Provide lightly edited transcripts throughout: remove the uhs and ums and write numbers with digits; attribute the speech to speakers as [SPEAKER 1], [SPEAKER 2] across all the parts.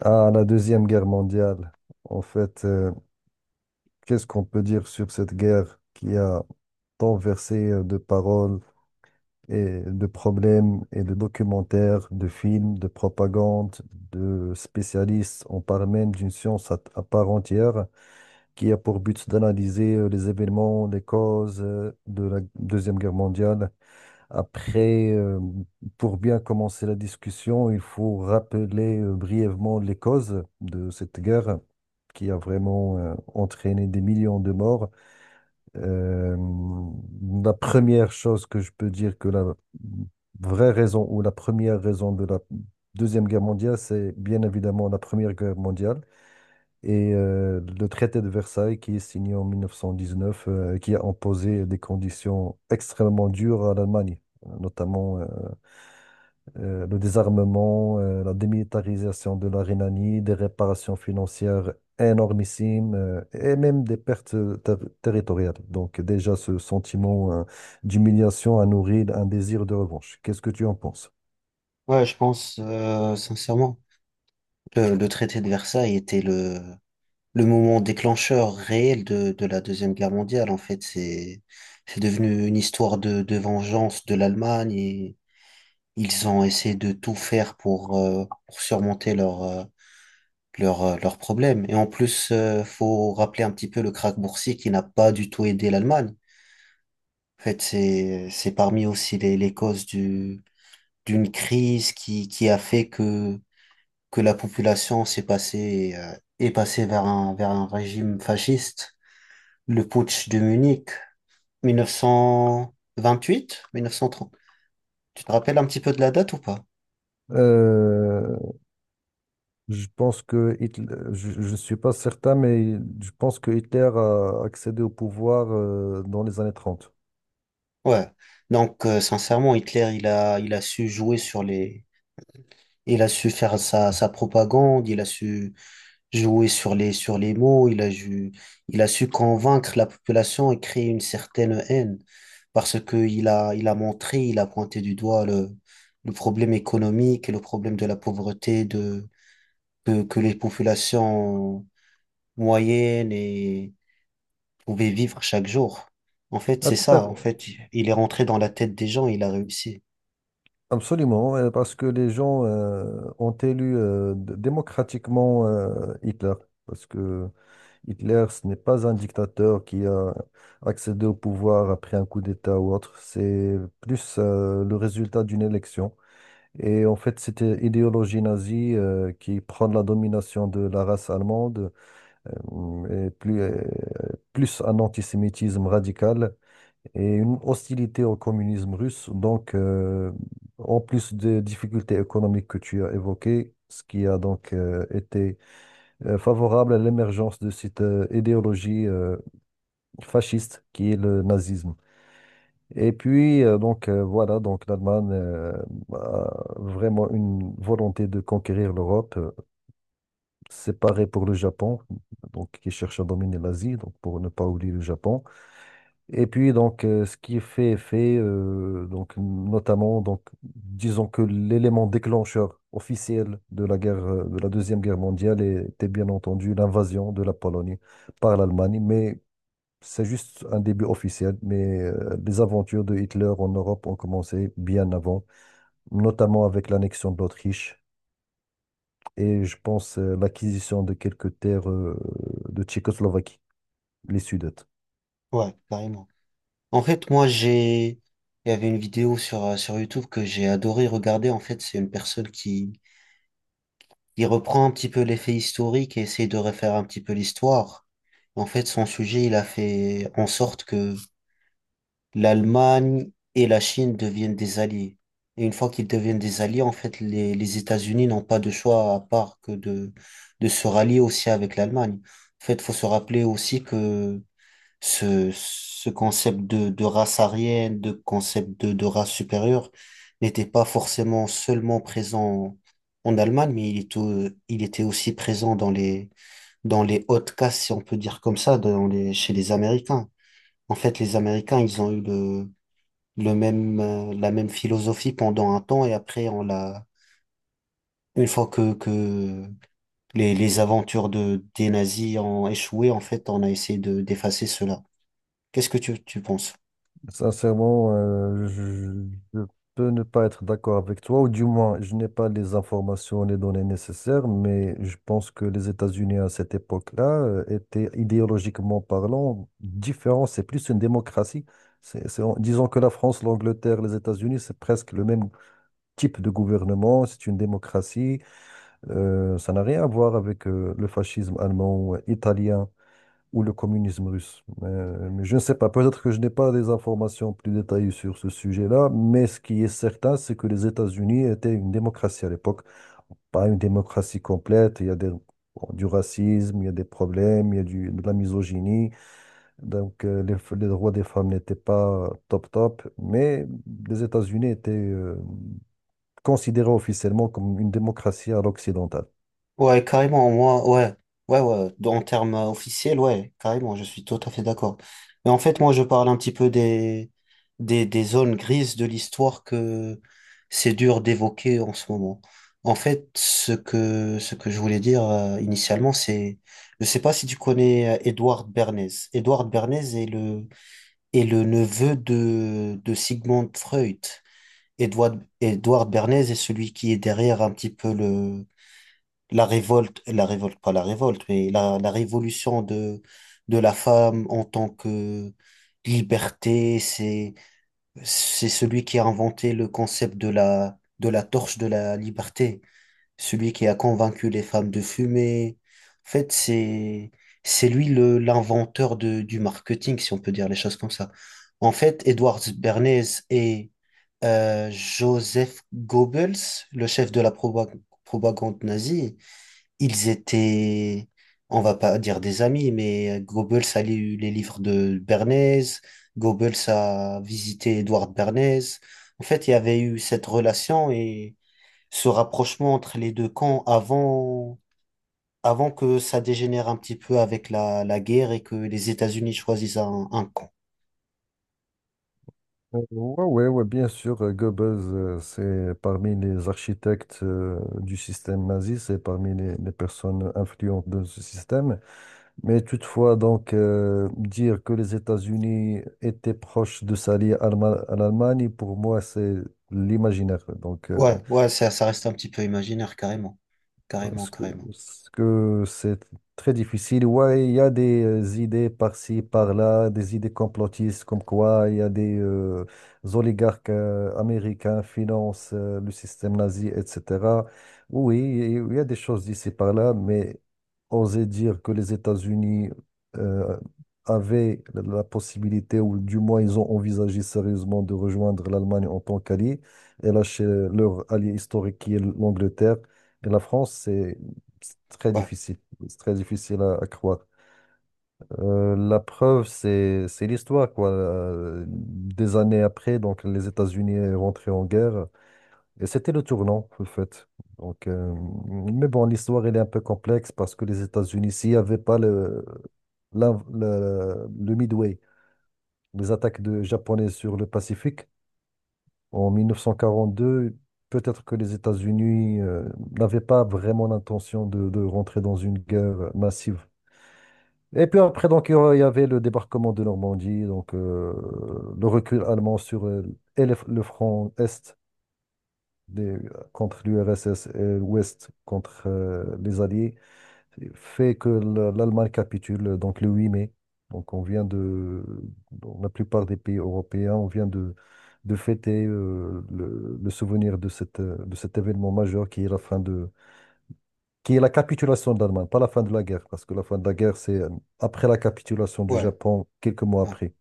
[SPEAKER 1] Ah, la Deuxième Guerre mondiale. En fait, qu'est-ce qu'on peut dire sur cette guerre qui a tant versé de paroles et de problèmes et de documentaires, de films, de propagande, de spécialistes. On parle même d'une science à part entière qui a pour but d'analyser les événements, les causes de la Deuxième Guerre mondiale après. Pour bien commencer la discussion, il faut rappeler brièvement les causes de cette guerre qui a vraiment entraîné des millions de morts. Euh, la première chose que je peux dire que la vraie raison ou la première raison de la Deuxième Guerre mondiale, c'est bien évidemment la Première Guerre mondiale et le traité de Versailles qui est signé en 1919, qui a imposé des conditions extrêmement dures à l'Allemagne, notamment le désarmement, la démilitarisation de la Rhénanie, des réparations financières énormissimes et même des pertes ter- territoriales. Donc déjà ce sentiment d'humiliation a nourri un désir de revanche. Qu'est-ce que tu en penses?
[SPEAKER 2] Ouais, je pense, sincèrement, le traité de Versailles était le moment déclencheur réel de la Deuxième Guerre mondiale. En fait, c'est devenu une histoire de vengeance de l'Allemagne, et ils ont essayé de tout faire pour surmonter leurs problèmes. Et en plus, faut rappeler un petit peu le krach boursier qui n'a pas du tout aidé l'Allemagne. En fait, c'est parmi aussi les causes d'une crise qui a fait que la population est passée vers vers un régime fasciste. Le putsch de Munich, 1928, 1930. Tu te rappelles un petit peu de la date ou pas?
[SPEAKER 1] Euh, Je pense que Hitler, je ne suis pas certain, mais je pense que Hitler a accédé au pouvoir dans les années trente.
[SPEAKER 2] Ouais. Donc, sincèrement, Hitler, il a su jouer sur les, il a su faire sa propagande, il a su jouer sur les mots, il a su convaincre la population et créer une certaine haine parce qu'il a montré, il a pointé du doigt le problème économique et le problème de la pauvreté de, que les populations moyennes et pouvaient vivre chaque jour. En fait,
[SPEAKER 1] Ah,
[SPEAKER 2] c'est
[SPEAKER 1] tout à
[SPEAKER 2] ça.
[SPEAKER 1] fait.
[SPEAKER 2] En fait, il est rentré dans la tête des gens, il a réussi.
[SPEAKER 1] Absolument, parce que les gens ont élu démocratiquement Hitler. Parce que Hitler, ce n'est pas un dictateur qui a accédé au pouvoir après un coup d'État ou autre. C'est plus le résultat d'une élection. Et en fait, c'était l'idéologie nazie qui prend la domination de la race allemande euh, et plus, euh, plus un antisémitisme radical et une hostilité au communisme russe. Donc, en plus des difficultés économiques que tu as évoquées, ce qui a donc été favorable à l'émergence de cette idéologie fasciste qui est le nazisme. Et puis, voilà, donc l'Allemagne a vraiment une volonté de conquérir l'Europe. C'est pareil pour le Japon, donc qui cherche à dominer l'Asie, donc pour ne pas oublier le Japon. Et puis donc ce qui est fait, donc notamment donc disons que l'élément déclencheur officiel de la guerre de la Deuxième Guerre mondiale était bien entendu l'invasion de la Pologne par l'Allemagne, mais c'est juste un début officiel. Mais les aventures de Hitler en Europe ont commencé bien avant, notamment avec l'annexion de l'Autriche et je pense l'acquisition de quelques terres de Tchécoslovaquie, les Sudètes.
[SPEAKER 2] Ouais, carrément. En fait, moi, j'ai... Il y avait une vidéo sur, sur YouTube que j'ai adoré regarder. En fait, c'est une personne qui, il reprend un petit peu les faits historiques et essaie de refaire un petit peu l'histoire. En fait, son sujet, il a fait en sorte que l'Allemagne et la Chine deviennent des alliés. Et une fois qu'ils deviennent des alliés, en fait, les États-Unis n'ont pas de choix à part que de se rallier aussi avec l'Allemagne. En fait, faut se rappeler aussi que ce concept de race aryenne, de concept de race supérieure n'était pas forcément seulement présent en Allemagne, mais il était aussi présent dans les hautes castes, si on peut dire comme ça, dans les, chez les Américains. En fait, les Américains, ils ont eu le même, la même philosophie pendant un temps et après, on l'a, une fois que les aventures de, des nazis ont échoué, en fait, on a essayé de, d'effacer cela. Qu'est-ce que tu penses?
[SPEAKER 1] Sincèrement, je peux ne pas être d'accord avec toi, ou du moins, je n'ai pas les informations, les données nécessaires, mais je pense que les États-Unis à cette époque-là étaient idéologiquement parlant différents. C'est plus une démocratie. Disons que la France, l'Angleterre, les États-Unis, c'est presque le même type de gouvernement. C'est une démocratie. Ça n'a rien à voir avec le fascisme allemand, italien ou le communisme russe. Mais je ne sais pas, peut-être que je n'ai pas des informations plus détaillées sur ce sujet-là, mais ce qui est certain, c'est que les États-Unis étaient une démocratie à l'époque. Pas une démocratie complète, il y a des- bon, du racisme, il y a des problèmes, il y a du- de la misogynie. Donc les droits des femmes n'étaient pas top top, mais les États-Unis étaient considérés officiellement comme une démocratie à l'occidentale.
[SPEAKER 2] Ouais, carrément, moi, ouais, ouais, ouais, dans- en termes officiels, ouais, carrément, je suis tout à fait d'accord. Mais en fait, moi, je parle un petit peu des, des zones grises de l'histoire que c'est dur d'évoquer en ce moment. En fait, ce que je voulais dire initialement, c'est, je sais pas si tu connais Édouard Bernays. Édouard Bernays est le neveu de Sigmund Freud. Édouard, Édouard Bernays est celui qui est derrière un petit peu le, la révolte, pas la révolte, mais la révolution de la femme en tant que liberté, c'est celui qui a inventé le concept de la torche de la liberté, celui qui a convaincu les femmes de fumer. En fait, c'est lui le, l'inventeur de, du marketing, si on peut dire les choses comme ça. En fait, Edward Bernays et Joseph Goebbels, le chef de la propagande nazie, ils étaient, on va pas dire des amis, mais Goebbels a lu les livres de Bernays, Goebbels a visité Edward Bernays. En fait, il y avait eu cette relation et ce rapprochement entre les deux camps avant, avant que ça dégénère un petit peu avec la, la guerre et que les États-Unis choisissent un camp.
[SPEAKER 1] Ouais, ouais, ouais, bien sûr, Goebbels, c'est parmi les architectes du système nazi, c'est parmi les personnes influentes de ce système. Mais toutefois, donc, dire que les États-Unis étaient proches de s'allier à l'Allemagne, pour moi, c'est l'imaginaire. Donc,
[SPEAKER 2] Ouais, ouais, ça reste un petit peu imaginaire, carrément. Carrément,
[SPEAKER 1] Parce que,
[SPEAKER 2] carrément.
[SPEAKER 1] parce que c'est très difficile. Ouais, il y a des idées par-ci, par-là, des idées complotistes, comme quoi il y a des oligarques américains financent le système nazi, etc. Oui, il y a des choses d'ici par-là, mais oser dire que les États-Unis euh, avaient la possibilité, ou du moins ils ont envisagé sérieusement de rejoindre l'Allemagne en tant qu'allié et lâcher leur allié historique qui est l'Angleterre. Et la France, c'est très
[SPEAKER 2] Ouais,
[SPEAKER 1] difficile. C'est très difficile à croire. La preuve, c'est l'histoire, quoi. Des années après, donc les États-Unis sont rentrés en guerre. Et c'était le tournant, en fait. Donc, mais bon, l'histoire, elle est un peu complexe parce que les États-Unis, s'il n'y avait pas le Midway, les attaques de japonais sur le Pacifique, en 1942, peut-être que les États-Unis n'avaient pas vraiment l'intention de rentrer dans une guerre massive. Et puis après, donc, il y avait le débarquement de Normandie, donc le recul allemand sur et le front Est des- contre l'URSS et l'Ouest contre les Alliés fait que l'Allemagne capitule donc le 8 mai. Donc on vient de, dans la plupart des pays européens, on vient de fêter le souvenir de cette, de cet événement majeur qui est la fin de, qui est la capitulation de l'Allemagne, pas la fin de la guerre, parce que la fin de la guerre, c'est après la capitulation du
[SPEAKER 2] ouais,
[SPEAKER 1] Japon, quelques mois
[SPEAKER 2] ouais.
[SPEAKER 1] après.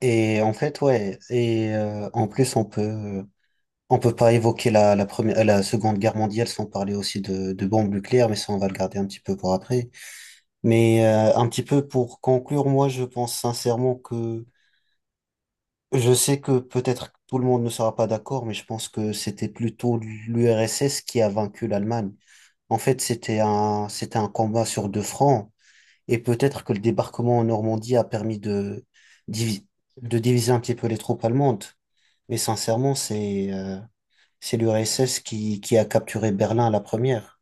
[SPEAKER 2] Et en fait, ouais. Et en plus, on peut. On peut pas évoquer la, la première, la Seconde Guerre mondiale sans parler aussi de bombes nucléaires, mais ça, on va le garder un petit peu pour après. Mais un petit peu pour conclure, moi, je pense sincèrement que je sais que peut-être tout le monde ne sera pas d'accord, mais je pense que c'était plutôt l'URSS qui a vaincu l'Allemagne. En fait, c'était un combat sur deux fronts, et peut-être que le débarquement en Normandie a permis divi- de diviser un petit peu les troupes allemandes. Mais sincèrement, c'est l'URSS qui a capturé Berlin à la première.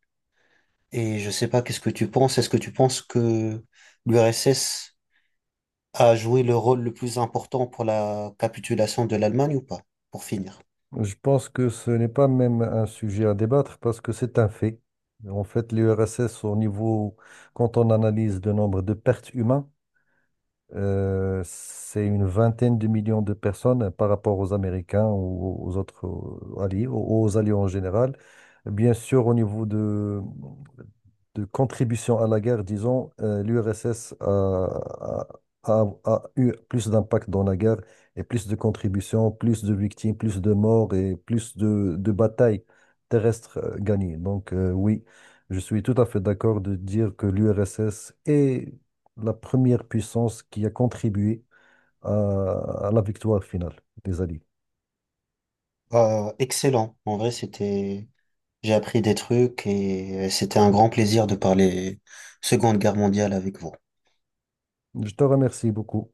[SPEAKER 2] Et je sais pas, qu'est-ce que tu penses? Est-ce que tu penses que l'URSS a joué le rôle le plus important pour la capitulation de l'Allemagne ou pas? Pour finir.
[SPEAKER 1] Je pense que ce n'est pas même un sujet à débattre parce que c'est un fait. En fait, l'URSS, au niveau, quand on analyse le nombre de pertes humaines, c'est une vingtaine de millions de personnes par rapport aux Américains ou aux autres alliés, aux alliés en général. Bien sûr, au niveau de contribution à la guerre, disons, l'URSS a eu plus d'impact dans la guerre et plus de contributions, plus de victimes, plus de morts et plus de batailles terrestres gagnées. Donc oui, je suis tout à fait d'accord de dire que l'URSS et la première puissance qui a contribué à, à la victoire finale des Alliés.
[SPEAKER 2] Excellent. En vrai, c'était, j'ai appris des trucs et c'était un grand plaisir de parler Seconde Guerre mondiale avec vous.
[SPEAKER 1] Je te remercie beaucoup.